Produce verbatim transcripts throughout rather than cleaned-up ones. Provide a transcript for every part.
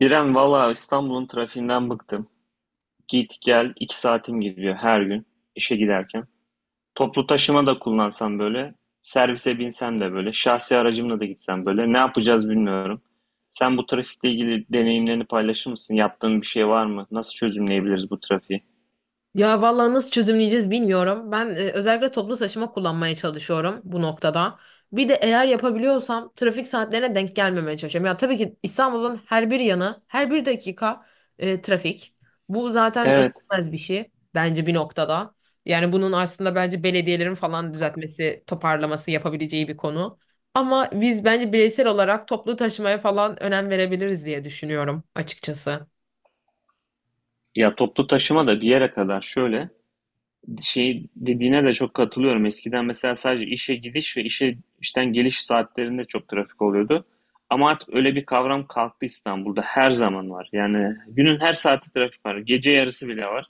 İrem valla İstanbul'un trafiğinden bıktım. Git gel iki saatim gidiyor her gün işe giderken. Toplu taşıma da kullansam böyle, servise binsem de böyle, şahsi aracımla da gitsem böyle. Ne yapacağız bilmiyorum. Sen bu trafikle ilgili deneyimlerini paylaşır mısın? Yaptığın bir şey var mı? Nasıl çözümleyebiliriz bu trafiği? Ya vallahi nasıl çözümleyeceğiz bilmiyorum. Ben e, özellikle toplu taşıma kullanmaya çalışıyorum bu noktada. Bir de eğer yapabiliyorsam trafik saatlerine denk gelmemeye çalışıyorum. Ya tabii ki İstanbul'un her bir yanı, her bir dakika e, trafik. Bu zaten Evet. ödemez bir şey bence bir noktada. Yani bunun aslında bence belediyelerin falan düzeltmesi, toparlaması yapabileceği bir konu. Ama biz bence bireysel olarak toplu taşımaya falan önem verebiliriz diye düşünüyorum açıkçası. Ya toplu taşıma da bir yere kadar şöyle. Şey dediğine de çok katılıyorum. Eskiden mesela sadece işe gidiş ve işe işten geliş saatlerinde çok trafik oluyordu. Ama artık öyle bir kavram kalktı İstanbul'da. Her zaman var. Yani günün her saati trafik var. Gece yarısı bile var.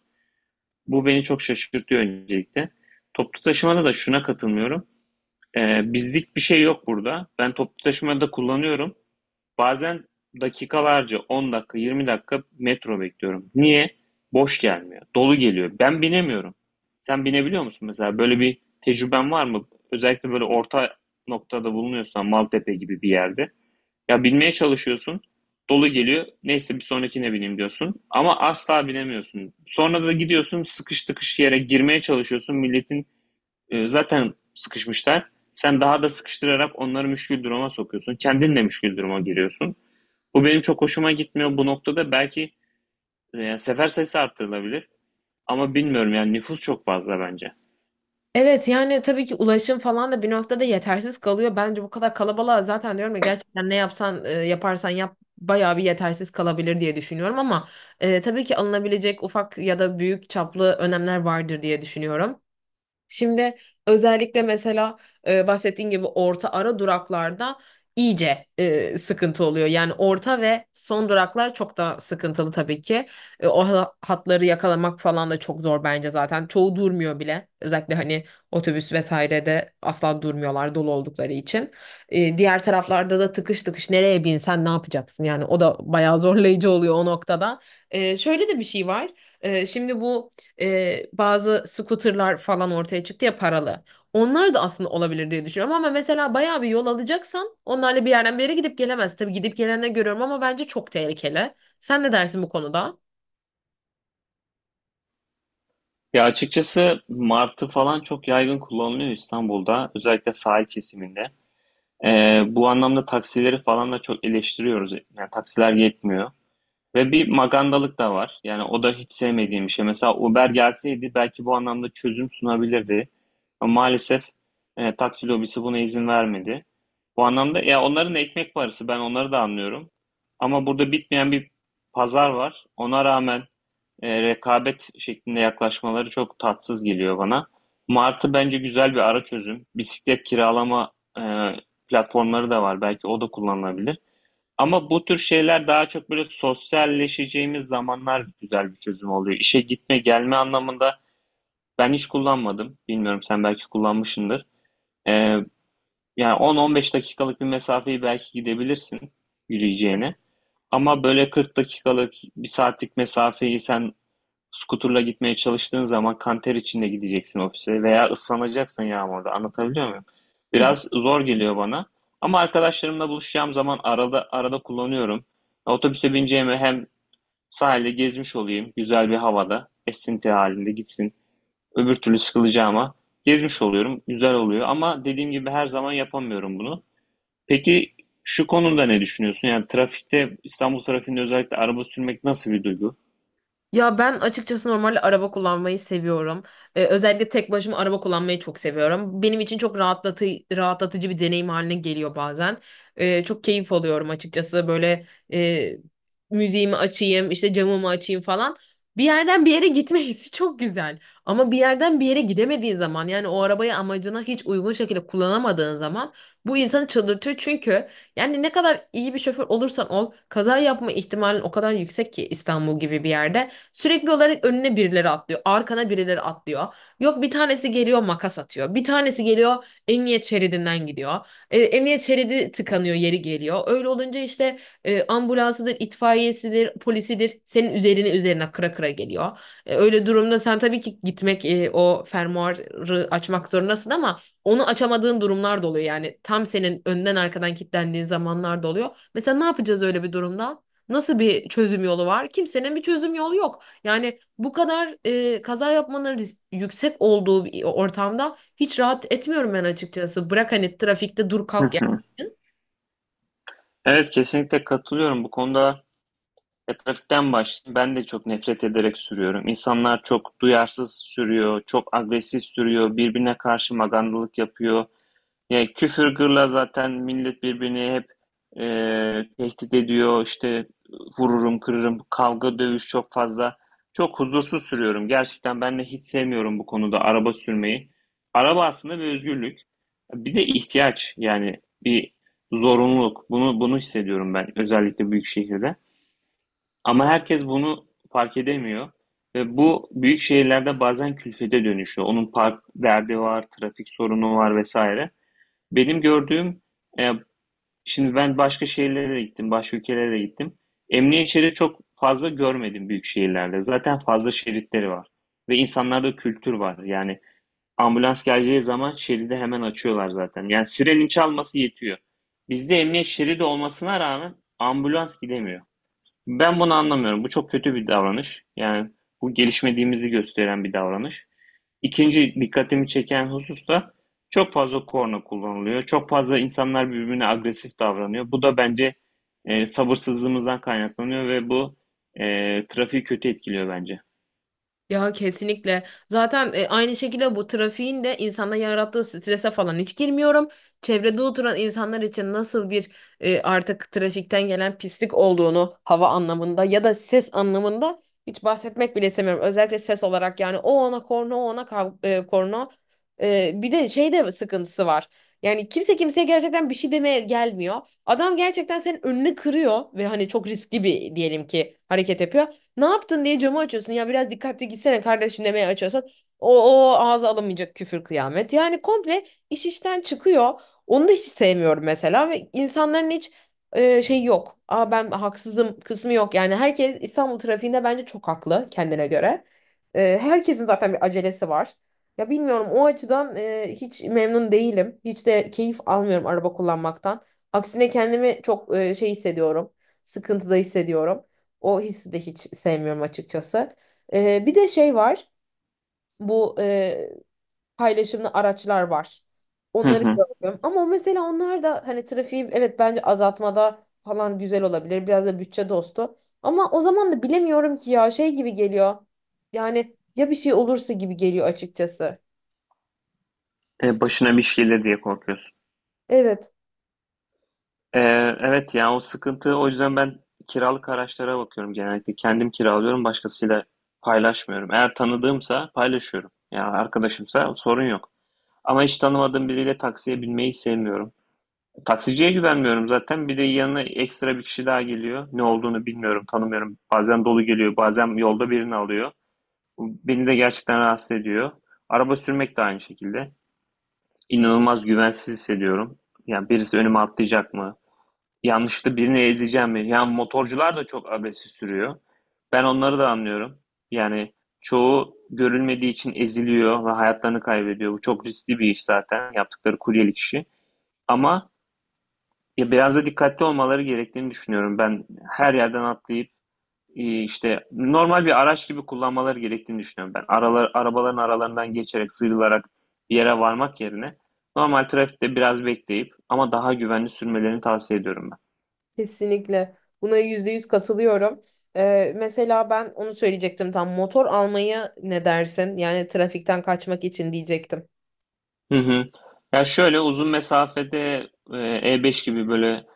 Bu beni çok şaşırtıyor öncelikle. Toplu taşımada da şuna katılmıyorum. Ee, bizlik bir şey yok burada. Ben toplu taşımada kullanıyorum. Bazen dakikalarca on dakika, yirmi dakika metro bekliyorum. Niye? Boş gelmiyor. Dolu geliyor. Ben binemiyorum. Sen binebiliyor musun mesela? Böyle bir tecrüben var mı? Özellikle böyle orta noktada bulunuyorsan Maltepe gibi bir yerde. Ya binmeye çalışıyorsun. Dolu geliyor. Neyse bir sonrakine bineyim diyorsun. Ama asla binemiyorsun. Sonra da gidiyorsun sıkış tıkış yere girmeye çalışıyorsun. Milletin e, zaten sıkışmışlar. Sen daha da sıkıştırarak onları müşkül duruma sokuyorsun. Kendin de müşkül duruma giriyorsun. Bu benim çok hoşuma gitmiyor bu noktada. Belki e, yani sefer sayısı arttırılabilir. Ama bilmiyorum yani nüfus çok fazla bence. Evet, yani tabii ki ulaşım falan da bir noktada yetersiz kalıyor. Bence bu kadar kalabalığa zaten diyorum ya gerçekten ne yapsan e, yaparsan yap bayağı bir yetersiz kalabilir diye düşünüyorum ama e, tabii ki alınabilecek ufak ya da büyük çaplı önlemler vardır diye düşünüyorum. Şimdi özellikle mesela e, bahsettiğin gibi orta ara duraklarda iyice e, sıkıntı oluyor. Yani orta ve son duraklar çok da sıkıntılı tabii ki. E, o ha- hatları yakalamak falan da çok zor bence zaten. Çoğu durmuyor bile. Özellikle hani otobüs vesairede asla durmuyorlar dolu oldukları için. E, diğer taraflarda da tıkış tıkış nereye binsen ne yapacaksın? Yani o da bayağı zorlayıcı oluyor o noktada. E, şöyle de bir şey var. Ee, şimdi bu e, bazı scooterlar falan ortaya çıktı ya, paralı. Onlar da aslında olabilir diye düşünüyorum ama mesela bayağı bir yol alacaksan onlarla bir yerden bir yere gidip gelemez. Tabii gidip gelenleri görüyorum ama bence çok tehlikeli. Sen ne dersin bu konuda? Ya açıkçası martı falan çok yaygın kullanılıyor İstanbul'da. Özellikle sahil kesiminde. E, Bu anlamda taksileri falan da çok eleştiriyoruz. Yani taksiler yetmiyor. Ve bir magandalık da var. Yani o da hiç sevmediğim bir şey. Mesela Uber gelseydi belki bu anlamda çözüm sunabilirdi. Ama maalesef e, taksi lobisi buna izin vermedi. Bu anlamda ya onların ekmek parası ben onları da anlıyorum. Ama burada bitmeyen bir pazar var. Ona rağmen e, rekabet şeklinde yaklaşmaları çok tatsız geliyor bana. Martı bence güzel bir ara çözüm. Bisiklet kiralama e, platformları da var. Belki o da kullanılabilir. Ama bu tür şeyler daha çok böyle sosyalleşeceğimiz zamanlar güzel bir çözüm oluyor. İşe gitme gelme anlamında ben hiç kullanmadım. Bilmiyorum sen belki kullanmışsındır. Ee, Yani on on beş dakikalık bir mesafeyi belki gidebilirsin yürüyeceğine. Ama böyle kırk dakikalık bir saatlik mesafeyi sen Scooter'la gitmeye çalıştığın zaman kanter içinde gideceksin ofise veya ıslanacaksın yağmurda. Anlatabiliyor muyum? Biraz zor geliyor bana. Ama arkadaşlarımla buluşacağım zaman arada arada kullanıyorum. Otobüse bineceğime hem sahilde gezmiş olayım, güzel bir havada, esinti halinde gitsin. Öbür türlü sıkılacağıma gezmiş oluyorum, güzel oluyor. Ama dediğim gibi her zaman yapamıyorum bunu. Peki şu konuda ne düşünüyorsun? Yani trafikte, İstanbul trafiğinde özellikle araba sürmek nasıl bir duygu? Ya ben açıkçası normalde araba kullanmayı seviyorum. Ee, özellikle tek başıma araba kullanmayı çok seviyorum. Benim için çok rahatlatı rahatlatıcı bir deneyim haline geliyor bazen. Ee, çok keyif alıyorum açıkçası. Böyle e, müziğimi açayım, işte camımı açayım falan. Bir yerden bir yere gitme hissi çok güzel. Ama bir yerden bir yere gidemediğin zaman yani o arabayı amacına hiç uygun şekilde kullanamadığın zaman bu insanı çıldırtıyor. Çünkü yani ne kadar iyi bir şoför olursan ol kaza yapma ihtimalin o kadar yüksek ki İstanbul gibi bir yerde. Sürekli olarak önüne birileri atlıyor. Arkana birileri atlıyor. Yok, bir tanesi geliyor makas atıyor. Bir tanesi geliyor emniyet şeridinden gidiyor. E, emniyet şeridi tıkanıyor yeri geliyor. Öyle olunca işte e, ambulansıdır, itfaiyesidir, polisidir senin üzerine üzerine kıra kıra geliyor. E, öyle durumda sen tabii ki gitmek e, o fermuarı açmak zorundasın ama onu açamadığın durumlar da oluyor. Yani tam senin önden arkadan kilitlendiğin zamanlar da oluyor. Mesela ne yapacağız öyle bir durumda? Nasıl bir çözüm yolu var? Kimsenin bir çözüm yolu yok. Yani bu kadar e, kaza yapmanın risk- yüksek olduğu bir ortamda hiç rahat etmiyorum ben açıkçası. Bırak hani trafikte dur Hı kalk yani. hı. Evet, kesinlikle katılıyorum. Bu konuda ya, trafikten başlayayım. Ben de çok nefret ederek sürüyorum. İnsanlar çok duyarsız sürüyor, çok agresif sürüyor, birbirine karşı magandalık yapıyor. Yani küfür gırla zaten millet birbirini hep e, tehdit ediyor. İşte vururum, kırırım. Kavga, dövüş çok fazla. Çok huzursuz sürüyorum. Gerçekten ben de hiç sevmiyorum bu konuda araba sürmeyi. Araba aslında bir özgürlük. Bir de ihtiyaç yani bir zorunluluk. Bunu bunu hissediyorum ben özellikle büyük şehirde. Ama herkes bunu fark edemiyor. Ve bu büyük şehirlerde bazen külfete dönüşüyor. Onun park derdi var, trafik sorunu var vesaire. Benim gördüğüm, eee, şimdi ben başka şehirlere de gittim, başka ülkelere de gittim. Emniyet şeridi çok fazla görmedim büyük şehirlerde. Zaten fazla şeritleri var. Ve insanlarda kültür var. Yani ambulans geleceği zaman şeridi hemen açıyorlar zaten. Yani sirenin çalması yetiyor. Bizde emniyet şeridi olmasına rağmen ambulans gidemiyor. Ben bunu anlamıyorum. Bu çok kötü bir davranış. Yani bu gelişmediğimizi gösteren bir davranış. İkinci dikkatimi çeken husus da çok fazla korna kullanılıyor. Çok fazla insanlar birbirine agresif davranıyor. Bu da bence e, sabırsızlığımızdan kaynaklanıyor ve bu e, trafiği kötü etkiliyor bence. Ya kesinlikle. Zaten e, aynı şekilde bu trafiğin de insanda yarattığı strese falan hiç girmiyorum. Çevrede oturan insanlar için nasıl bir e, artık trafikten gelen pislik olduğunu hava anlamında ya da ses anlamında hiç bahsetmek bile istemiyorum. Özellikle ses olarak yani o ona korna, o ona kav- e, korna. E, bir de şey de sıkıntısı var. Yani kimse kimseye gerçekten bir şey demeye gelmiyor. Adam gerçekten senin önünü kırıyor ve hani çok riskli bir, diyelim ki, hareket yapıyor. Ne yaptın diye camı açıyorsun. Ya biraz dikkatli gitsene kardeşim demeye açıyorsan. O, o ağza alamayacak küfür kıyamet. Yani komple iş işten çıkıyor. Onu da hiç sevmiyorum mesela ve insanların hiç e, şey yok. Aa, ben haksızım kısmı yok. Yani herkes İstanbul trafiğinde bence çok haklı kendine göre. E, herkesin zaten bir acelesi var. Ya bilmiyorum, o açıdan e, hiç memnun değilim. Hiç de keyif almıyorum araba kullanmaktan. Aksine kendimi çok e, şey hissediyorum. Sıkıntıda hissediyorum. O hissi de hiç sevmiyorum açıkçası. Ee, bir de şey var. Bu e, paylaşımlı araçlar var. Hı Onları hı. gördüm. Ama mesela onlar da hani trafiği, evet, bence azaltmada falan güzel olabilir. Biraz da bütçe dostu. Ama o zaman da bilemiyorum ki ya şey gibi geliyor. Yani ya bir şey olursa gibi geliyor açıkçası. E, başına bir şey gelir diye korkuyorsun. Evet. Ee, evet, yani o sıkıntı o yüzden ben kiralık araçlara bakıyorum genellikle. Kendim kiralıyorum başkasıyla paylaşmıyorum. Eğer tanıdığımsa paylaşıyorum. Yani arkadaşımsa sorun yok. Ama hiç tanımadığım biriyle taksiye binmeyi sevmiyorum. Taksiciye güvenmiyorum zaten. Bir de yanına ekstra bir kişi daha geliyor. Ne olduğunu bilmiyorum, tanımıyorum. Bazen dolu geliyor, bazen yolda birini alıyor. Beni de gerçekten rahatsız ediyor. Araba sürmek de aynı şekilde. İnanılmaz güvensiz hissediyorum. Yani birisi önüme atlayacak mı? Yanlışlıkla birini ezeceğim mi? Yani motorcular da çok agresif sürüyor. Ben onları da anlıyorum. Yani çoğu görülmediği için eziliyor ve hayatlarını kaybediyor. Bu çok riskli bir iş zaten yaptıkları kuryelik işi. Ama ya biraz da dikkatli olmaları gerektiğini düşünüyorum. Ben her yerden atlayıp e, işte normal bir araç gibi kullanmaları gerektiğini düşünüyorum ben. Aralar, arabaların aralarından geçerek sıyrılarak bir yere varmak yerine normal trafikte biraz bekleyip ama daha güvenli sürmelerini tavsiye ediyorum ben. Kesinlikle. Buna yüzde yüz katılıyorum. Ee, mesela ben onu söyleyecektim, tam motor almaya ne dersin? Yani trafikten kaçmak için diyecektim. Hı hı. Ya şöyle uzun mesafede e, E5 gibi böyle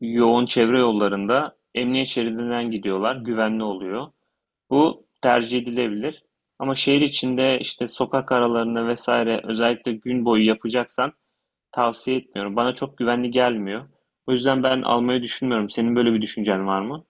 yoğun çevre yollarında emniyet şeridinden gidiyorlar. Güvenli oluyor. Bu tercih edilebilir. Ama şehir içinde işte sokak aralarında vesaire özellikle gün boyu yapacaksan tavsiye etmiyorum. Bana çok güvenli gelmiyor. O yüzden ben almayı düşünmüyorum. Senin böyle bir düşüncen var mı?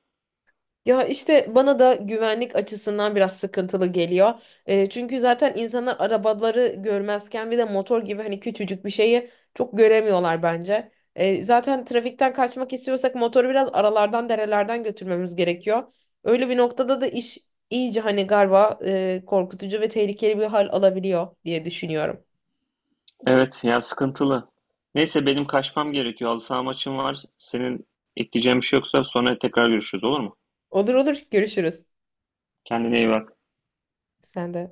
Ya işte bana da güvenlik açısından biraz sıkıntılı geliyor. E, çünkü zaten insanlar arabaları görmezken bir de motor gibi hani küçücük bir şeyi çok göremiyorlar bence. E, zaten trafikten kaçmak istiyorsak motoru biraz aralardan derelerden götürmemiz gerekiyor. Öyle bir noktada da iş iyice hani galiba e, korkutucu ve tehlikeli bir hal alabiliyor diye düşünüyorum. Evet, ya sıkıntılı. Neyse benim kaçmam gerekiyor. Halı saha maçım var. Senin ekleyeceğin bir şey yoksa sonra tekrar görüşürüz olur mu? Olur olur görüşürüz. Kendine iyi bak. Sen de.